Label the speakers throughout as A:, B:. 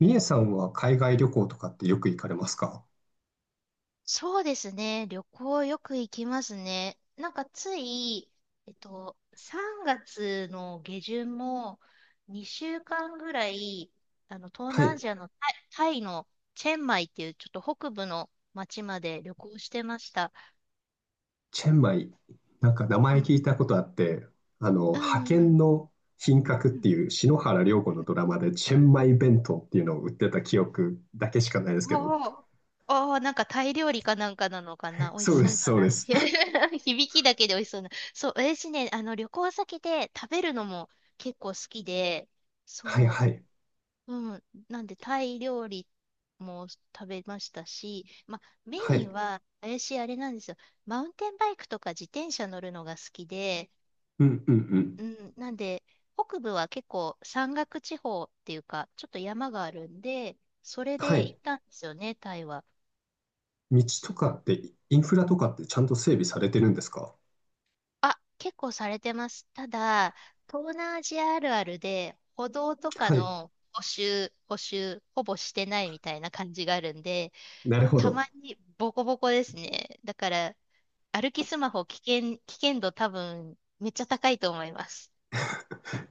A: みえさんは海外旅行とかってよく行かれますか？
B: そうですね。旅行よく行きますね。なんかつい、えっと、3月の下旬も2週間ぐらい、東
A: は
B: 南ア
A: い。
B: ジアのタイの、チェンマイっていうちょっと北部の町まで旅行してました。
A: チェンマイ。なんか名
B: う
A: 前聞
B: ん。
A: いたことあって、
B: う
A: 派
B: んう
A: 遣
B: ん
A: の品格っ
B: うん。
A: ていう篠原涼子
B: う
A: の
B: ん
A: ドラ
B: う
A: マ
B: ん。
A: でチェンマイ弁当っていうのを売ってた記憶だけしかないですけど。
B: おー、おー、なんかタイ料理かなんかなのかな。美味し
A: そうで
B: そう
A: す、
B: だ
A: そう
B: な。
A: です。
B: 響きだけで美味しそうな。そう、私ね、旅行先で食べるのも結構好きで、
A: はい
B: そ
A: はい。
B: うん。なんで、タイ料理も食べましたし、ま、メ
A: は
B: イン
A: い。
B: は、私、あれなんですよ。マウンテンバイクとか自転車乗るのが好きで、
A: うんうんう
B: う
A: ん。
B: ん。なんで、北部は結構山岳地方っていうか、ちょっと山があるんで、それ
A: は
B: で行
A: い。
B: ったんですよね、タイは。
A: 道とかって、インフラとかってちゃんと整備されてるんですか？
B: あ、結構されてます。ただ、東南アジアあるあるで、歩道とか
A: はい。
B: の補修、ほぼしてないみたいな感じがあるんで、
A: なるほ
B: た
A: ど。
B: まにボコボコですね。だから、歩きスマホ危険度多分、めっちゃ高いと思います。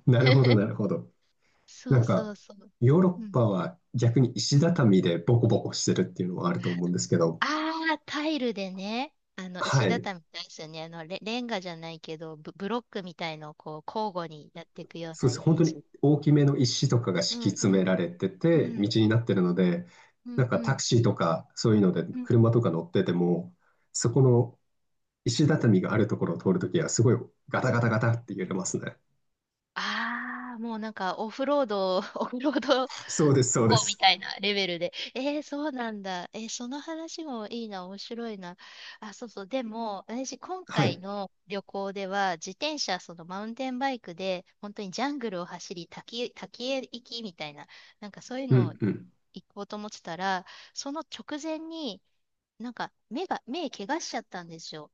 A: なるほど、な るほど。
B: そ
A: な
B: う
A: ん
B: そ
A: か、
B: うそう。
A: ヨーロ
B: う
A: ッパ
B: ん
A: は逆に
B: う
A: 石
B: ん。
A: 畳でボコボコしてるっていうのはあると思うんですけど、
B: ああ、タイルでね、石
A: はい、
B: 畳みたいですよね。あの、レンガじゃないけど、ブロックみたいのをこう、交互にやっていくよう
A: そう
B: な
A: です。
B: イ
A: 本
B: メー
A: 当に
B: ジ。
A: 大きめの石とかが
B: う
A: 敷
B: ん
A: き
B: う
A: 詰めら
B: ん。
A: れて
B: う
A: て、道
B: ん。
A: になってるので、
B: う
A: な
B: ん
A: ん
B: う
A: かタク
B: ん
A: シーとかそういうので
B: うん。
A: 車とか乗ってても、そこの石畳があるところを通るときはすごいガタガタガタって揺れますね。
B: ああ、もうなんかオフロード、オフロード
A: そうです、そう
B: こ
A: で
B: うみ
A: す。
B: たいなレベルで。えー、そうなんだ。えー、その話もいいな、面白いな。あ、そうそう。でも、私、今
A: は
B: 回
A: い。
B: の旅行では、自転車、そのマウンテンバイクで、本当にジャングルを走り、滝へ行きみたいな、なんかそういう
A: う
B: のを
A: んうん。
B: 行こうと思ってたら、その直前に、なんか目怪我しちゃったんですよ。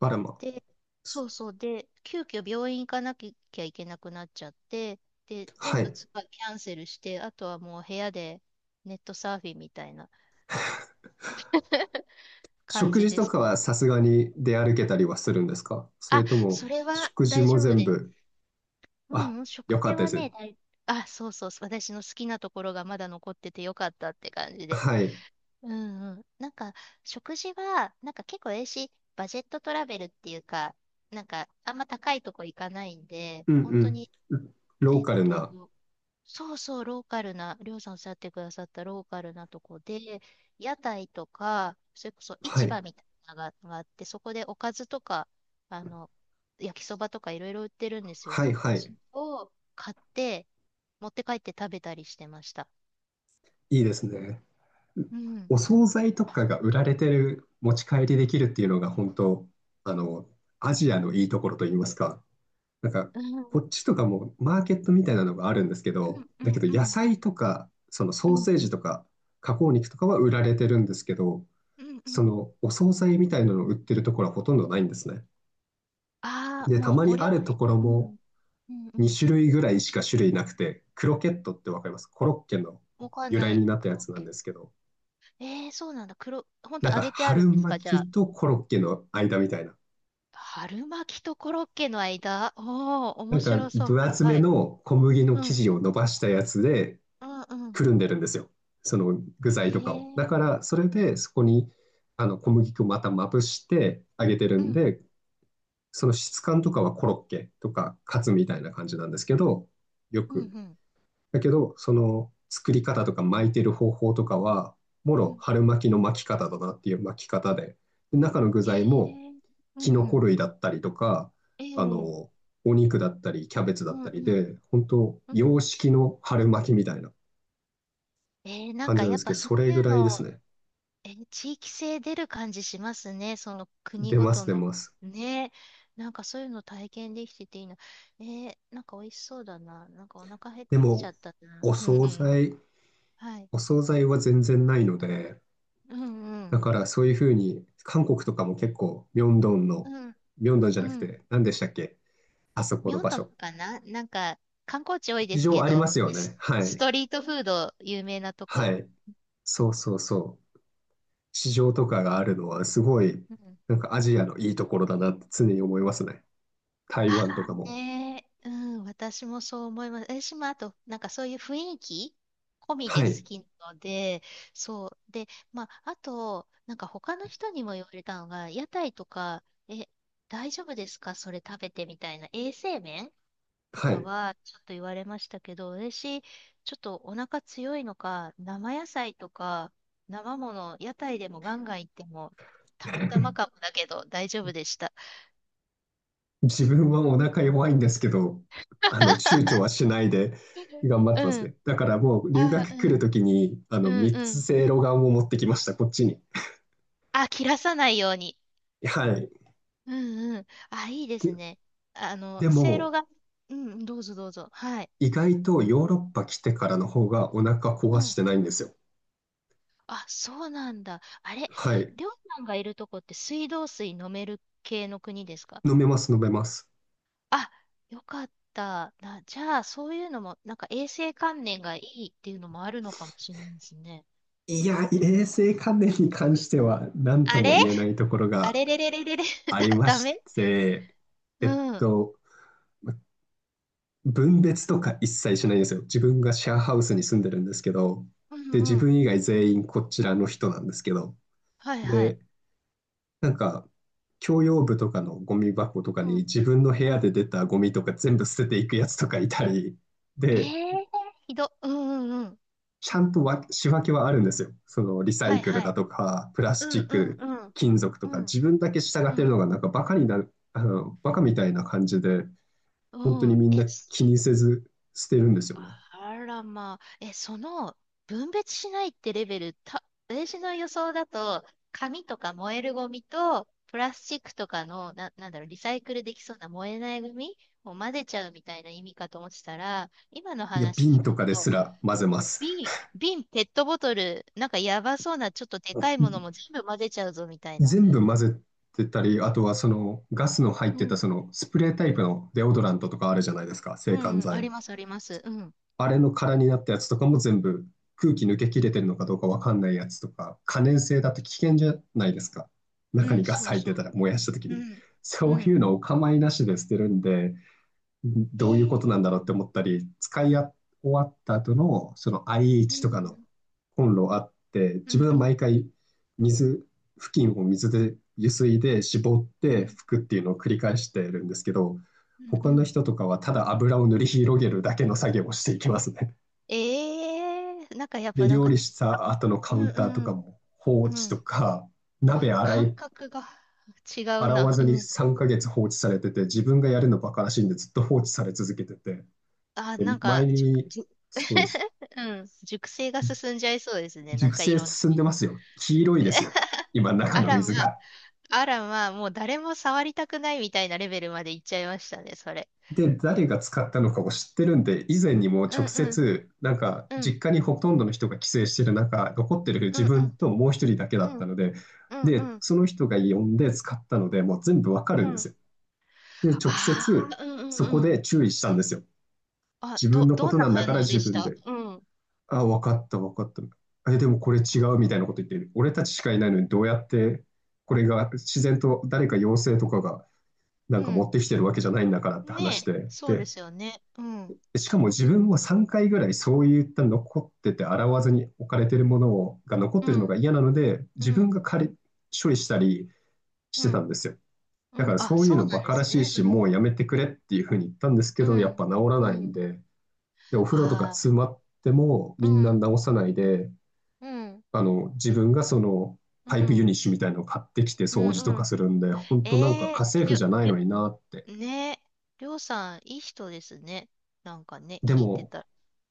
A: バラマ。
B: で、そうそう。で、急遽病院行かなきゃいけなくなっちゃって、で、
A: は
B: 全部
A: い。
B: ツアーキャンセルして、あとはもう部屋でネットサーフィンみたいな 感
A: 食
B: じ
A: 事
B: で
A: と
B: す。
A: かはさすがに出歩けたりはするんですか？それ
B: あ、
A: と
B: そ
A: も、
B: れは
A: 食事
B: 大
A: も
B: 丈夫
A: 全
B: で
A: 部、
B: す。う
A: あ、
B: んうん、食
A: よかっ
B: 事
A: たで
B: はね、
A: す。
B: 大。あ、そうそう、私の好きなところがまだ残っててよかったって感じで。
A: はい。
B: うんうん。なんか、食事は、なんか結構ええし、バジェットトラベルっていうか、なんか、あんま高いとこ行かないんで、
A: う
B: 本当
A: ん
B: に、
A: うん。ロ
B: え
A: ー
B: っ
A: カル
B: と、
A: な。
B: そうそう、ローカルな、りょうさんおっしゃってくださったローカルなとこで、屋台とか、それこそ
A: は
B: 市場
A: い。
B: みたいなのががあって、そこでおかずとか、あの、焼きそばとかいろいろ売ってるんですよ。
A: はいは
B: そ
A: い。
B: れを買って、持って帰って食べたりしてました。
A: いいですね。
B: うん。
A: お惣菜とかが売られてる、持ち帰りできるっていうのが本当、あの、アジアのいいところといいますか。なんか、
B: うん、う
A: こ
B: ん、
A: っちとかもマーケットみたいなのがあるんですけど、
B: う
A: だけど
B: ん、う
A: 野
B: ん、
A: 菜とか、その
B: う
A: ソー
B: ん、
A: セージとか、加工肉とかは売られてるんですけど、
B: うん、う
A: そ
B: ん。
A: のお惣菜みたいなのを売ってるところはほとんどないんですね。
B: ああ、
A: で、た
B: もう
A: ま
B: お
A: にあ
B: 料
A: ると
B: 理。
A: ころ
B: う
A: も
B: ん、うん、う
A: 2
B: ん。
A: 種類ぐらいしか種類なくて、クロケットってわかりますコロッケの
B: わかん
A: 由
B: な
A: 来
B: い。
A: になったや
B: 黒。
A: つなんですけど、
B: えー、そうなんだ。黒、ほん
A: な
B: と
A: ん
B: 揚
A: か
B: げてある
A: 春
B: んですか、
A: 巻
B: じゃあ。
A: きとコロッケの間みたいな。
B: 春巻きとコロッケの間、おお、
A: な
B: 面
A: んか
B: 白そう。
A: 分
B: はい
A: 厚
B: は
A: め
B: い。
A: の小麦の
B: う
A: 生
B: ん
A: 地を伸ばしたやつで
B: うんうん。
A: くるんでるんですよ。その具
B: え
A: 材とかを。だ
B: ー。
A: からそれでそこにあの小麦粉をまたまぶして揚げてる
B: う
A: ん
B: ん。
A: で、その質感とかはコロッケとかカツみたいな感じなんですけど、よ
B: うんう
A: く。
B: ん。
A: だけど、その作り方とか巻いてる方法とかは、も
B: う
A: ろ
B: ん。
A: 春巻きの巻き方だなっていう巻き方で、で中の具
B: え
A: 材も
B: ー。う
A: キ
B: ん
A: ノ
B: う
A: コ
B: ん。
A: 類だったりとか、
B: え
A: あの、
B: ー。
A: お肉だったり、キャベツ
B: う
A: だっ
B: ん
A: た
B: う
A: り
B: んうん。え
A: で、本当
B: え。うんうんうんうん、ええ。うんうん、ええ。うんうんうん、
A: 洋式の春巻きみたいな
B: ええ、なん
A: 感じ
B: か
A: なん
B: や
A: で
B: っ
A: す
B: ぱ
A: けど、
B: そ
A: そ
B: う
A: れ
B: い
A: ぐ
B: う
A: らいです
B: の、
A: ね。
B: えー、地域性出る感じしますね。その国
A: 出
B: ご
A: ます、
B: と
A: 出
B: の。
A: ます。
B: ね。なんかそういうの体験できてていいな。ええ、なんか美味しそうだな。なんかお腹減っ
A: で
B: てきちゃ
A: も、
B: った
A: お
B: な。うんう
A: 惣
B: ん。
A: 菜、
B: はい。
A: お惣菜は全然ないので、
B: うんう
A: だ
B: ん。
A: からそういうふうに、韓国とかも結構、ミョンドン
B: う
A: の、
B: ん
A: ミョンドンじゃ
B: う
A: なく
B: ん。
A: て、何でしたっけ？あそこの
B: 明
A: 場
B: 洞
A: 所。
B: かな、なんか、観光地多いで
A: 市
B: す
A: 場
B: け
A: あり
B: ど、
A: ますよね。は
B: ス
A: い。
B: トリートフード有名なと
A: は
B: こ。
A: い。そうそうそう。市場とかがあるのは、すごい、
B: うん。
A: なんかアジアのいいところだなって常に思いますね。台
B: あ
A: 湾とか
B: あ
A: も。
B: ね、うん、私もそう思います。私もあと、なんかそういう雰囲気込みで
A: は
B: 好
A: い。
B: きなので、そう。で、まあ、あと、なんか他の人にも言われたのが、屋台とか、え、大丈夫ですかそれ食べてみたいな。衛生面と
A: は
B: か
A: い。
B: はちょっと言われましたけど、私、ょっとお腹強いのか、生野菜とか、生もの、屋台でもガンガン行っても、たまたま かもだけど大丈夫でした。
A: 自分はお腹弱いんですけど、躊躇はし ないで頑張ってま
B: う
A: す
B: ん。
A: ね。だからもう留
B: あ、
A: 学来るときに、
B: うん
A: 三
B: うんう
A: つ
B: ん。
A: せいろがんを持ってきました、こっちに。
B: あ、切らさないように。
A: はい。
B: うんうん。あ、いいですね。あの、
A: で
B: せいろ
A: も、
B: が、うん、どうぞどうぞ。はい。
A: 意外とヨーロッパ来てからの方がお腹
B: う
A: 壊し
B: ん。
A: てないんですよ。
B: あ、そうなんだ。あれ、
A: はい。
B: りょうさんがいるとこって水道水飲める系の国ですか？
A: 飲めます、飲めます。
B: あ、よかった。な、じゃあ、そういうのも、なんか衛生観念がいいっていうのもあるのかもしれないですね。
A: いや、衛生関連に関しては何と
B: あ
A: も
B: れ、
A: 言えないところ
B: あ
A: が
B: れれれれれれ、
A: ありま
B: ダ
A: し
B: メ。
A: て、えっ
B: うん。
A: と、分別とか一切しないんですよ。自分がシェアハウスに住んでるんですけど、
B: う
A: で、自
B: んうん。
A: 分以外全員こちらの人なんですけど、
B: はいはい。
A: で、なんか、共用部とかのゴミ箱と
B: う
A: か
B: ん
A: に自分の部
B: う
A: 屋で
B: ん。
A: 出たゴミとか全部捨てていくやつとかいたり、
B: え
A: で、
B: え、ー、ひど。うんうんうん。
A: ちゃんと仕分けはあるんですよ。そのリサ
B: は
A: イ
B: い
A: クル
B: は
A: だ
B: い。
A: とか、プラ
B: う
A: スチ
B: ん
A: ッ
B: うん
A: ク、
B: うん。
A: 金属と
B: う
A: か、
B: ん
A: 自分だけ従っ
B: う
A: てる
B: ん。
A: のがなんかバカになる、バカみたいな感じで、本当
B: う
A: に
B: ん。
A: みん
B: え、
A: な気にせず捨てるんですよね。
B: あらまあ、え、その分別しないってレベル、た、私の予想だと、紙とか燃えるゴミと、プラスチックとかの、な、なんだろう、リサイクルできそうな燃えないゴミを混ぜちゃうみたいな意味かと思ってたら、今の
A: いや、
B: 話聞
A: 瓶
B: く
A: とかです
B: と、
A: ら混ぜます。
B: 瓶、瓶、ペットボトル、なんかやばそうな、ちょっとでかいものも全部混ぜちゃうぞみたいな。
A: 全部混ぜてたり、あとはそのガスの入っ
B: う
A: てた
B: ん、
A: そのスプレータイプのデオドラントとかあるじゃないですか、
B: う
A: 制汗
B: ん、あり
A: 剤。
B: ます、あります。うん、
A: あれの空になったやつとかも全部空気抜け切れてるのかどうかわかんないやつとか、可燃性だって危険じゃないですか。
B: う
A: 中に
B: ん、
A: ガ
B: そ
A: ス
B: う
A: 入っ
B: そ
A: てた
B: う。
A: ら燃やした時
B: う
A: に。
B: ん、
A: そ
B: う
A: うい
B: ん。
A: うのをお構いなしで捨てるんで、
B: え
A: どういうことなんだ
B: ー、
A: ろうって思ったり、使い終わった後のその
B: う
A: IH とかの
B: ん、
A: コンロあって、
B: う
A: 自
B: ん、う
A: 分は毎
B: ん。
A: 回水、布巾を水で湯水で絞っ
B: う
A: て拭
B: ん
A: くっていうのを繰り返してるんですけど、
B: う
A: 他
B: んう
A: の
B: ん。
A: 人とかはただ油を塗り広げるだけの作業をしていきますね。
B: ええ、なんかやっぱ
A: で、
B: なん
A: 料
B: か、
A: 理し
B: あ、
A: た後の
B: う
A: カウ
B: ん
A: ンターと
B: う
A: か
B: ん、
A: も放
B: う
A: 置と
B: ん。
A: か、鍋洗
B: 感
A: い、
B: 覚が違う
A: 洗わ
B: な。
A: ず
B: うん
A: に
B: うん。
A: 3ヶ月放置されてて、自分がやるのバカらしいんでずっと放置され続けてて、
B: あ、
A: で、
B: なんか、
A: 前
B: じゅ、
A: に、
B: じゅ、
A: そうです。
B: うん。熟成が進んじゃいそうですね。な
A: 熟
B: んかい
A: 成
B: ろんな。
A: 進んでますよ。黄色いですよ。今、中
B: あ
A: の
B: らま、
A: 水が。
B: あらま、もう誰も触りたくないみたいなレベルまでいっちゃいましたね、それ。
A: で、誰が使ったのかを知ってるんで、以前にも
B: うん
A: 直
B: うん、
A: 接、なんか、
B: う
A: 実
B: ん、
A: 家にほとんどの人が帰省してる中、残ってる
B: う
A: 自
B: ん、う
A: 分
B: ん、
A: ともう一人だけだ
B: う
A: った
B: ん、
A: ので、
B: う
A: で、
B: ん、う
A: その人が呼んで使ったので、もう全部わか
B: ん、
A: るんで
B: う
A: す
B: ん。
A: よ。で、直
B: あ
A: 接
B: あ、うんう
A: そ
B: ん
A: こ
B: うん。
A: で注意したんですよ。
B: あ、
A: 自分のこ
B: どん
A: と
B: な
A: なんだ
B: 反
A: から
B: 応で
A: 自
B: し
A: 分
B: た？
A: で。
B: うん。
A: あ、分かった、分かった。え、でもこれ違う
B: あ、
A: みたいなこと言ってる。俺たちしかいないのにどうやってこれが自然と誰か妖精とかがな
B: う
A: んか持っ
B: ん。
A: てきてるわけじゃないんだからって
B: ね
A: 話
B: え、
A: で。
B: そうで
A: で、
B: すよね。うん、
A: しかも自分は3回ぐらいそういった残ってて洗わずに置かれてるものをが残っ
B: う
A: てるのが
B: ん、
A: 嫌なので
B: う
A: 自分
B: ん、
A: が借り処理したりし
B: う
A: てたん
B: ん、
A: ですよ。
B: う
A: だか
B: ん。
A: ら
B: あ、
A: そうい
B: そ
A: うの
B: うな
A: バ
B: んで
A: カら
B: す
A: しい
B: ね。
A: し、
B: う
A: も
B: ん、
A: うやめてくれっていうふうに言ったんですけ
B: う
A: ど、やっ
B: ん、
A: ぱ治らな
B: う
A: いん
B: ん。
A: で、で、お風呂とか詰
B: あ
A: まっても
B: あ、
A: みん
B: う
A: な
B: ん、
A: 治さないで、
B: うん、
A: 自分がその
B: う
A: パイプユ
B: ん、
A: ニッシュみたいのを買ってきて
B: う
A: 掃
B: ん、
A: 除と
B: う
A: か
B: ん。
A: するんで、本当なんか
B: え
A: 家
B: え、
A: 政
B: り
A: 婦
B: ょ、
A: じゃない
B: り
A: のになって。
B: ょ、ねえ、りょうさん、いい人ですね。なんかね、
A: で
B: 聞いて
A: も、
B: たら。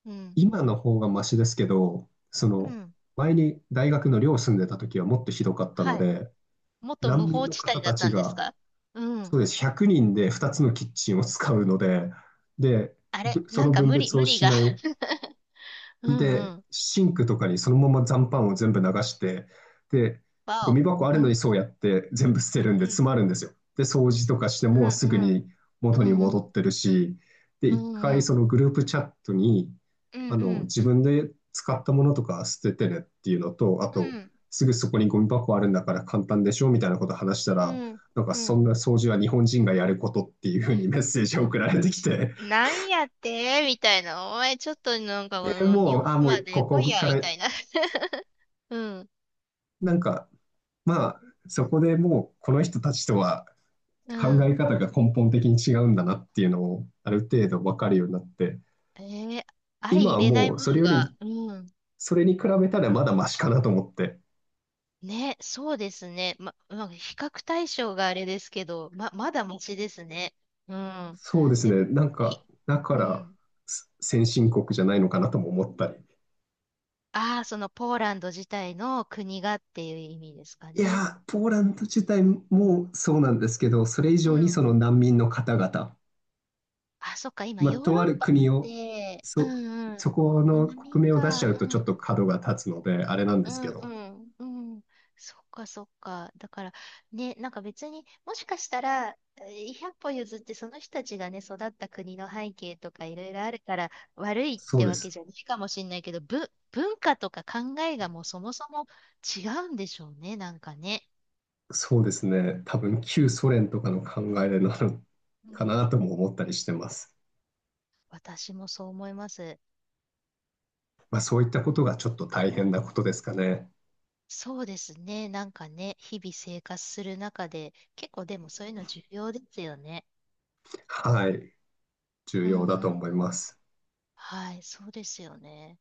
B: うん、
A: 今の方がマシですけど、そ
B: う
A: の、
B: ん。
A: 前に大学の寮住んでた時はもっとひどかったの
B: はい。
A: で、
B: 元無
A: 難民
B: 法
A: の
B: 地帯
A: 方
B: だっ
A: た
B: た
A: ち
B: んです
A: が、
B: か？う
A: そ
B: ん。
A: うです、100人で2つのキッチンを使うので、で、
B: あれ、
A: そ
B: なん
A: の
B: か
A: 分別
B: 無
A: を
B: 理
A: し
B: が。
A: ない
B: うんう
A: で、
B: ん。
A: シンクとかにそのまま残飯を全部流して、で、ゴ
B: わ
A: ミ箱あ
B: お。
A: る
B: う
A: のに
B: ん。
A: そうやって全部捨てるん
B: う
A: で
B: ん。
A: 詰まるんですよ。で、掃除とかして
B: う
A: も
B: んう
A: すぐに
B: ん。う
A: 元に
B: んう
A: 戻っ
B: ん。
A: てるし、で、
B: う
A: 一
B: んう
A: 回
B: ん。
A: そのグループチャットに、
B: うんうん。
A: 自分で使ったものとか捨ててねっていうのと、あ
B: う
A: と、
B: ん、
A: すぐそこにゴミ箱あるんだから簡単でしょみたいなこと話した
B: う
A: ら、
B: ん、
A: なんか
B: う
A: そ
B: ん。
A: んな掃除は日本人がやることっていうふうにメッセージを送られてきて、
B: なんやってみたいな。お前ちょっとなんかこ
A: で、
B: の日
A: もう、
B: 本
A: あ、も
B: ま
A: う
B: で
A: こ
B: 来い
A: こ
B: や、
A: か
B: み
A: ら、
B: たいな。うん、
A: なんかまあ、そこでもうこの人たちとは
B: う
A: 考
B: ん。
A: え方が根本的に違うんだなっていうのをある程度分かるようになって、
B: えー、相
A: 今
B: 入
A: は
B: れない
A: もう
B: も
A: そ
B: の
A: れよ
B: が、
A: り、
B: うん。
A: それに比べたらまだマシかなと思って、
B: ね、そうですね。まあ、比較対象があれですけど、まだマシですね。うん。
A: そうです
B: で
A: ね、
B: も、
A: なん
B: き、
A: か、だか
B: う
A: ら
B: ん。
A: 先進国じゃないのかなとも思ったり。
B: ああ、そのポーランド自体の国がっていう意味ですか
A: い
B: ね。
A: やー、ポーランド自体もそうなんですけど、それ以
B: う
A: 上に
B: ん、
A: その難民の方々、
B: あ、そっか、今、
A: まあ、
B: ヨー
A: と
B: ロ
A: あ
B: ッ
A: る
B: パっ
A: 国を、
B: て、う
A: そ、
B: んう
A: そこの
B: ん、飲み
A: 国名を出しち
B: か、
A: ゃうとち
B: う
A: ょっ
B: ん、
A: と角が立つので、あれなんで
B: う
A: す
B: ん
A: け
B: う
A: ど、
B: んうん、そっかそっか。だから、ね、なんか別に、もしかしたら、えー、100歩譲ってその人たちがね、育った国の背景とかいろいろあるから、悪いっ
A: そう
B: て
A: で
B: わけ
A: す。
B: じゃないかもしれないけど、文化とか考えがもうそもそも違うんでしょうね、なんかね。
A: そうですね。多分旧ソ連とかの考えなの
B: う ん
A: か
B: うん、
A: なとも思ったりしてます。
B: 私もそう思います。
A: まあ、そういったことがちょっと大変なことですかね。
B: そうですね。なんかね、日々生活する中で、結構でもそういうの重要ですよね。
A: はい。重
B: うん
A: 要だと
B: うん。
A: 思います。
B: はい、そうですよね。